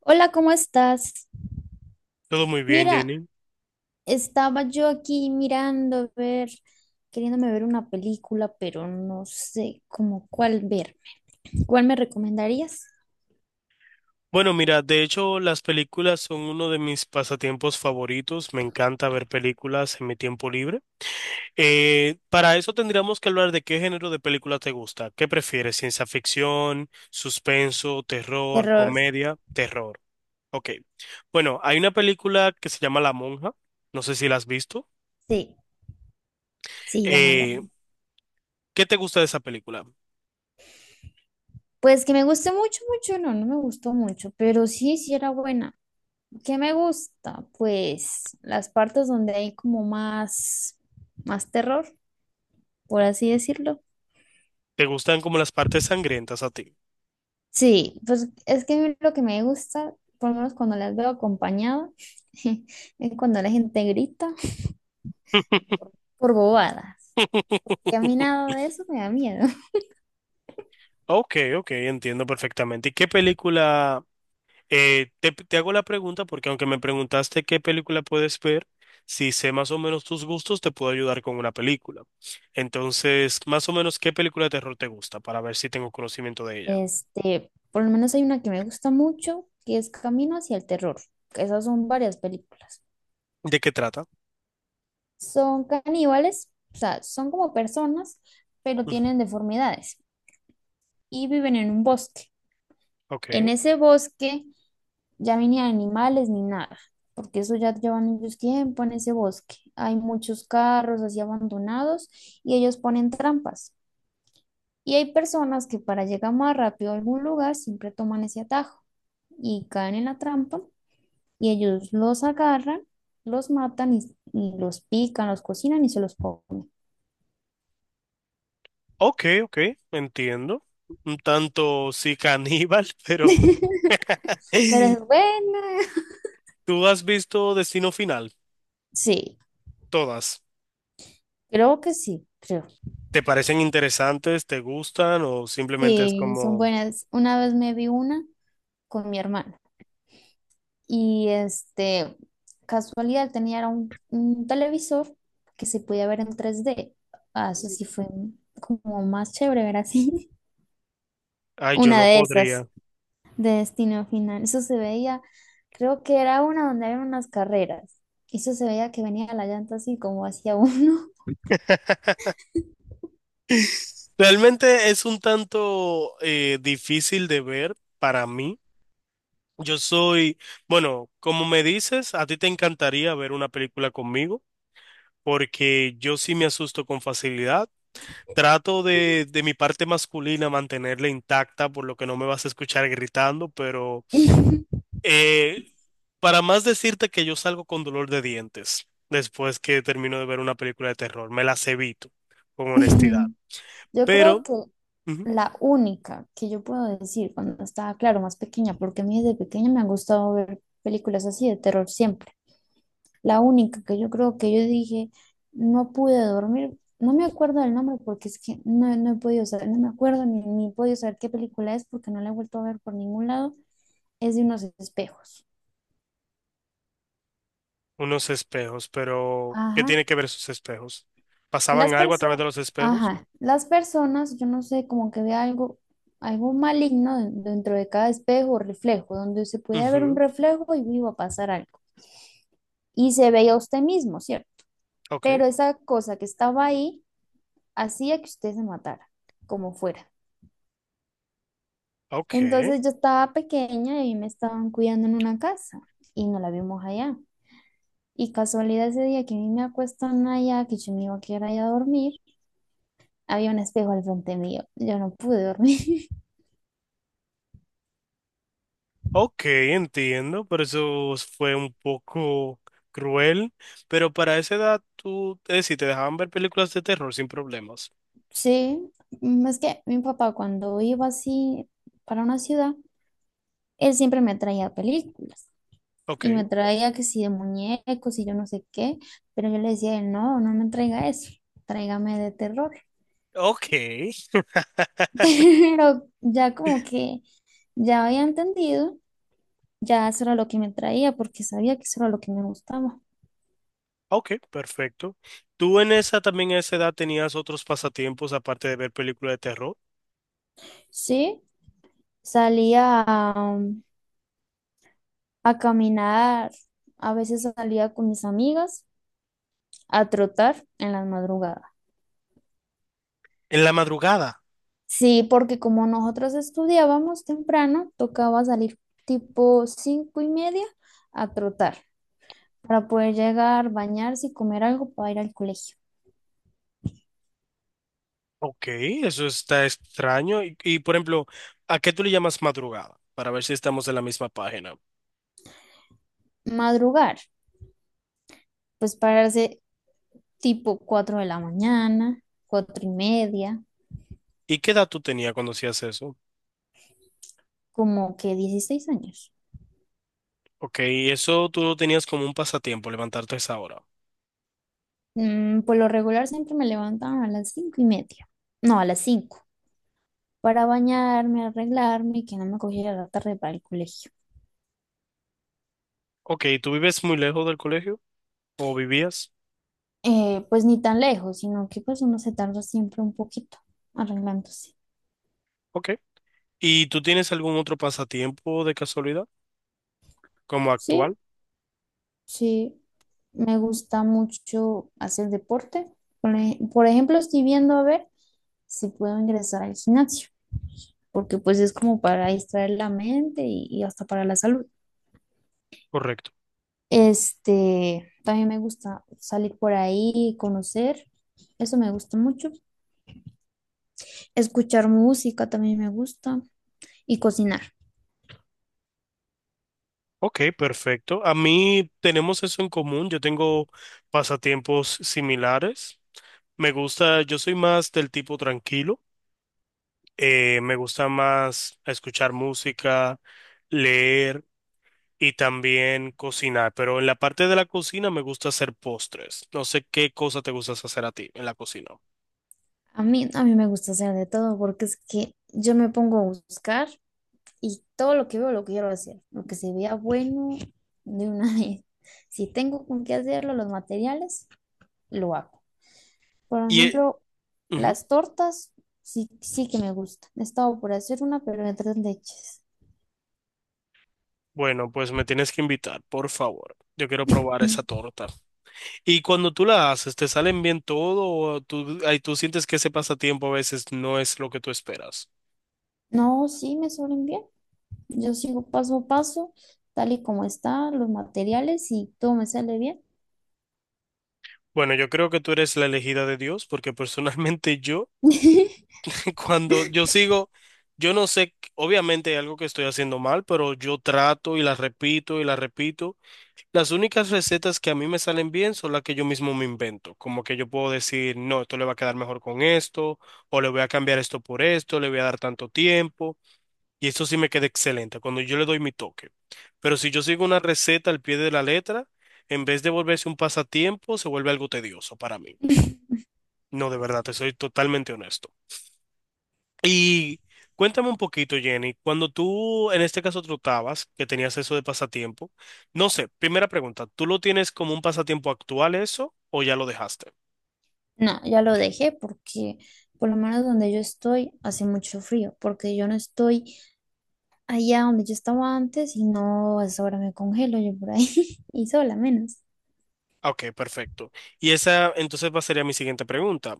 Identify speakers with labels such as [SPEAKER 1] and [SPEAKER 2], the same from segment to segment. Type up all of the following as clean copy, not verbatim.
[SPEAKER 1] Hola, ¿cómo estás?
[SPEAKER 2] Todo muy bien,
[SPEAKER 1] Mira,
[SPEAKER 2] Jenny.
[SPEAKER 1] estaba yo aquí mirando, a ver, queriéndome ver una película, pero no sé cómo cuál verme. ¿Cuál me recomendarías?
[SPEAKER 2] Bueno, mira, de hecho, las películas son uno de mis pasatiempos favoritos. Me encanta ver películas en mi tiempo libre. Para eso tendríamos que hablar de qué género de película te gusta. ¿Qué prefieres? ¿Ciencia ficción, suspenso, terror,
[SPEAKER 1] Terror,
[SPEAKER 2] comedia? Terror. Ok. Bueno, hay una película que se llama La Monja. No sé si la has visto.
[SPEAKER 1] sí, sí, llámala.
[SPEAKER 2] Eh, ¿Qué te gusta de esa película?
[SPEAKER 1] Pues que me guste mucho, mucho, no, no me gustó mucho, pero sí, sí era buena. ¿Qué me gusta? Pues las partes donde hay como más, más terror, por así decirlo.
[SPEAKER 2] ¿Te gustan como las partes sangrientas a ti?
[SPEAKER 1] Sí, pues es que a mí lo que me gusta, por lo menos cuando las veo acompañado, es cuando la gente grita por bobadas. Que a mí nada de eso me da miedo.
[SPEAKER 2] Ok, ok, entiendo perfectamente. ¿Y qué película? Te hago la pregunta porque aunque me preguntaste qué película puedes ver, si sé más o menos tus gustos, te puedo ayudar con una película. Entonces, más o menos, ¿qué película de terror te gusta para ver si tengo conocimiento de ella?
[SPEAKER 1] Por lo menos hay una que me gusta mucho, que es Camino hacia el terror. Esas son varias películas.
[SPEAKER 2] ¿De qué trata?
[SPEAKER 1] Son caníbales, o sea, son como personas, pero
[SPEAKER 2] Ujú.
[SPEAKER 1] tienen deformidades y viven en un bosque. En
[SPEAKER 2] Ok,
[SPEAKER 1] ese bosque ya ni animales ni nada, porque eso ya llevan ellos tiempo en ese bosque. Hay muchos carros así abandonados y ellos ponen trampas. Y hay personas que para llegar más rápido a algún lugar siempre toman ese atajo y caen en la trampa y ellos los agarran, los matan y los pican, los cocinan y se los comen.
[SPEAKER 2] ok, entiendo. Un tanto sí caníbal, pero
[SPEAKER 1] Pero es buena.
[SPEAKER 2] ¿tú has visto Destino Final?
[SPEAKER 1] Sí,
[SPEAKER 2] Todas.
[SPEAKER 1] creo que sí, creo.
[SPEAKER 2] ¿Te parecen interesantes? ¿Te gustan? ¿O simplemente es
[SPEAKER 1] Sí, son
[SPEAKER 2] como...
[SPEAKER 1] buenas. Una vez me vi una con mi hermana. Y casualidad, tenía era un televisor que se podía ver en 3D. Ah, eso sí fue como más chévere ver así.
[SPEAKER 2] Ay, yo
[SPEAKER 1] Una
[SPEAKER 2] no
[SPEAKER 1] de esas,
[SPEAKER 2] podría.
[SPEAKER 1] de Destino Final. Eso se veía, creo que era una donde había unas carreras. Eso se veía que venía la llanta así como hacia uno.
[SPEAKER 2] Realmente es un tanto difícil de ver para mí. Yo soy, bueno, como me dices, a ti te encantaría ver una película conmigo, porque yo sí me asusto con facilidad. Trato de mi parte masculina mantenerla intacta, por lo que no me vas a escuchar gritando, pero eh, para más decirte que yo salgo con dolor de dientes después que termino de ver una película de terror, me las evito, con honestidad.
[SPEAKER 1] Yo creo
[SPEAKER 2] Pero
[SPEAKER 1] que
[SPEAKER 2] ujú,
[SPEAKER 1] la única que yo puedo decir cuando estaba, claro, más pequeña, porque a mí desde pequeña me ha gustado ver películas así de terror siempre. La única que yo creo que yo dije, no pude dormir, no me acuerdo del nombre porque es que no, no he podido saber, no me acuerdo ni he podido saber qué película es porque no la he vuelto a ver por ningún lado, es de unos espejos.
[SPEAKER 2] unos espejos, pero ¿qué
[SPEAKER 1] Ajá.
[SPEAKER 2] tiene que ver esos espejos?
[SPEAKER 1] Las
[SPEAKER 2] ¿Pasaban algo a través
[SPEAKER 1] personas,
[SPEAKER 2] de los espejos?
[SPEAKER 1] ajá, las personas, yo no sé, como que ve algo, algo maligno dentro de cada espejo o reflejo, donde se podía ver un
[SPEAKER 2] Ujú.
[SPEAKER 1] reflejo y iba a pasar algo. Y se veía usted mismo, ¿cierto?
[SPEAKER 2] Ok,
[SPEAKER 1] Pero esa cosa que estaba ahí hacía que usted se matara, como fuera.
[SPEAKER 2] ok,
[SPEAKER 1] Entonces yo estaba pequeña y me estaban cuidando en una casa y no la vimos allá. Y casualidad ese día que a mí me acuestan allá, que yo me iba a quedar allá a dormir, había un espejo al frente mío. Yo no pude dormir.
[SPEAKER 2] ok, entiendo, pero eso fue un poco cruel, pero para esa edad tú, es decir, te dejaban ver películas de terror sin problemas.
[SPEAKER 1] Sí, es que mi papá cuando iba así para una ciudad, él siempre me traía películas
[SPEAKER 2] Ok,
[SPEAKER 1] y me traía que si de muñecos y yo no sé qué, pero yo le decía, a él, no, no me traiga eso, tráigame de terror.
[SPEAKER 2] ok,
[SPEAKER 1] Pero ya como que ya había entendido. Ya eso era lo que me traía porque sabía que eso era lo que me gustaba.
[SPEAKER 2] ok, perfecto. ¿Tú en esa también a esa edad tenías otros pasatiempos aparte de ver películas de terror?
[SPEAKER 1] Sí, salía a caminar, a veces salía con mis amigas a trotar en las madrugadas.
[SPEAKER 2] En la madrugada.
[SPEAKER 1] Sí, porque como nosotros estudiábamos temprano, tocaba salir tipo 5:30 a trotar para poder llegar, bañarse y comer algo para ir al colegio.
[SPEAKER 2] Ok, eso está extraño. Por ejemplo, ¿a qué tú le llamas madrugada? Para ver si estamos en la misma página.
[SPEAKER 1] Madrugar, pues pararse tipo 4 de la mañana, 4:30,
[SPEAKER 2] ¿Y qué edad tú tenías cuando hacías eso?
[SPEAKER 1] como que 16 años.
[SPEAKER 2] Ok, eso tú lo tenías como un pasatiempo, levantarte a esa hora.
[SPEAKER 1] Por lo regular siempre me levantaban a las 5:30. No, a las 5. Para bañarme, arreglarme y que no me cogiera la tarde para el colegio.
[SPEAKER 2] Ok, ¿tú vives muy lejos del colegio? ¿O vivías?
[SPEAKER 1] Pues ni tan lejos, sino que pues uno se tarda siempre un poquito arreglándose.
[SPEAKER 2] Ok. ¿Y tú tienes algún otro pasatiempo de casualidad? ¿Como
[SPEAKER 1] Sí,
[SPEAKER 2] actual?
[SPEAKER 1] sí. Me gusta mucho hacer deporte. Por ejemplo, estoy viendo a ver si puedo ingresar al gimnasio, porque pues es como para distraer la mente y hasta para la salud.
[SPEAKER 2] Correcto.
[SPEAKER 1] También me gusta salir por ahí, conocer, eso me gusta mucho. Escuchar música también me gusta y cocinar.
[SPEAKER 2] Ok, perfecto. A mí tenemos eso en común. Yo tengo pasatiempos similares. Me gusta, yo soy más del tipo tranquilo. Me gusta más escuchar música, leer y también cocinar. Pero en la parte de la cocina me gusta hacer postres. No sé qué cosa te gustas hacer a ti en la cocina.
[SPEAKER 1] A mí me gusta hacer de todo porque es que yo me pongo a buscar y todo lo que veo lo quiero hacer, lo que se vea bueno de una vez. Si tengo con qué hacerlo, los materiales, lo hago. Por
[SPEAKER 2] Y
[SPEAKER 1] ejemplo,
[SPEAKER 2] ujú.
[SPEAKER 1] las tortas sí, sí que me gustan. He estado por hacer una, pero me tres leches.
[SPEAKER 2] Bueno, pues me tienes que invitar, por favor. Yo quiero probar
[SPEAKER 1] Mm.
[SPEAKER 2] esa torta. Y cuando tú la haces, ¿te salen bien todo o tú, ay, tú sientes que ese pasatiempo a veces no es lo que tú esperas?
[SPEAKER 1] No, sí, me suelen bien. Yo sigo paso a paso, tal y como está, los materiales y todo me sale bien.
[SPEAKER 2] Bueno, yo creo que tú eres la elegida de Dios porque personalmente yo cuando yo sigo, yo no sé, obviamente hay algo que estoy haciendo mal, pero yo trato y las repito y las repito. Las únicas recetas que a mí me salen bien son las que yo mismo me invento. Como que yo puedo decir, no, esto le va a quedar mejor con esto, o le voy a cambiar esto por esto, le voy a dar tanto tiempo. Y esto sí me queda excelente cuando yo le doy mi toque. Pero si yo sigo una receta al pie de la letra, en vez de volverse un pasatiempo, se vuelve algo tedioso para mí. No, de verdad, te soy totalmente honesto. Y cuéntame un poquito, Jenny, cuando tú en este caso trotabas, que tenías eso de pasatiempo, no sé, primera pregunta, ¿tú lo tienes como un pasatiempo actual eso o ya lo dejaste?
[SPEAKER 1] No, ya lo dejé porque por lo menos donde yo estoy hace mucho frío, porque yo no estoy allá donde yo estaba antes y no, a esa hora me congelo yo por ahí y sola menos.
[SPEAKER 2] Ah, ok, perfecto. Y esa entonces va sería mi siguiente pregunta.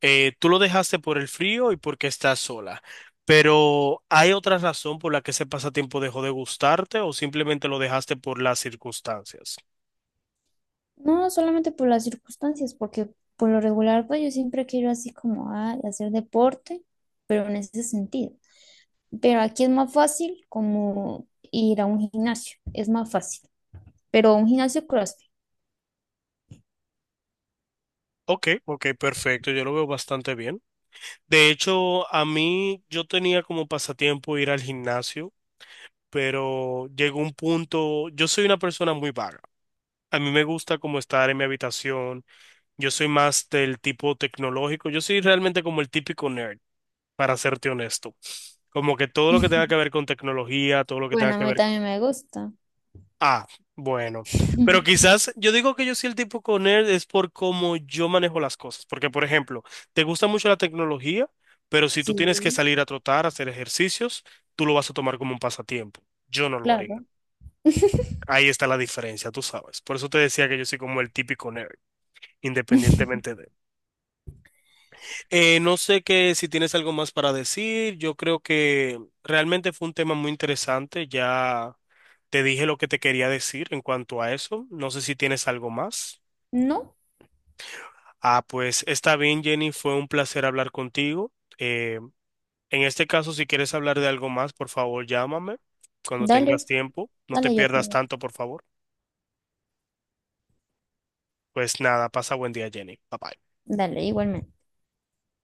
[SPEAKER 2] Tú lo dejaste por el frío y porque estás sola, pero ¿hay otra razón por la que ese pasatiempo dejó de gustarte o simplemente lo dejaste por las circunstancias?
[SPEAKER 1] No, solamente por las circunstancias, porque por lo regular pues yo siempre quiero así como a hacer deporte, pero en ese sentido. Pero aquí es más fácil como ir a un gimnasio, es más fácil. Pero un gimnasio CrossFit.
[SPEAKER 2] Ok, ok, perfecto, yo lo veo bastante bien. De hecho, a mí yo tenía como pasatiempo ir al gimnasio, pero llegó un punto, yo soy una persona muy vaga. A mí me gusta como estar en mi habitación, yo soy más del tipo tecnológico, yo soy realmente como el típico nerd, para serte honesto. Como que todo lo que tenga que ver con tecnología, todo lo que
[SPEAKER 1] Bueno,
[SPEAKER 2] tenga
[SPEAKER 1] a
[SPEAKER 2] que
[SPEAKER 1] mí
[SPEAKER 2] ver.
[SPEAKER 1] también me gusta.
[SPEAKER 2] Ah, bueno. Pero quizás yo digo que yo soy el tipo con nerd es por cómo yo manejo las cosas. Porque, por ejemplo, te gusta mucho la tecnología, pero si tú
[SPEAKER 1] Sí,
[SPEAKER 2] tienes que salir a trotar, hacer ejercicios, tú lo vas a tomar como un pasatiempo. Yo no lo haría.
[SPEAKER 1] claro.
[SPEAKER 2] Ahí está la diferencia, tú sabes. Por eso te decía que yo soy como el típico nerd, independientemente de. No sé que si tienes algo más para decir. Yo creo que realmente fue un tema muy interesante. Ya te dije lo que te quería decir en cuanto a eso. No sé si tienes algo más.
[SPEAKER 1] No,
[SPEAKER 2] Ah, pues está bien, Jenny, fue un placer hablar contigo. Eh, en este caso, si quieres hablar de algo más, por favor, llámame cuando tengas
[SPEAKER 1] dale,
[SPEAKER 2] tiempo. No te
[SPEAKER 1] dale, yo te
[SPEAKER 2] pierdas
[SPEAKER 1] digo.
[SPEAKER 2] tanto, por favor. Pues nada, pasa buen día, Jenny. Bye bye.
[SPEAKER 1] Dale, igualmente.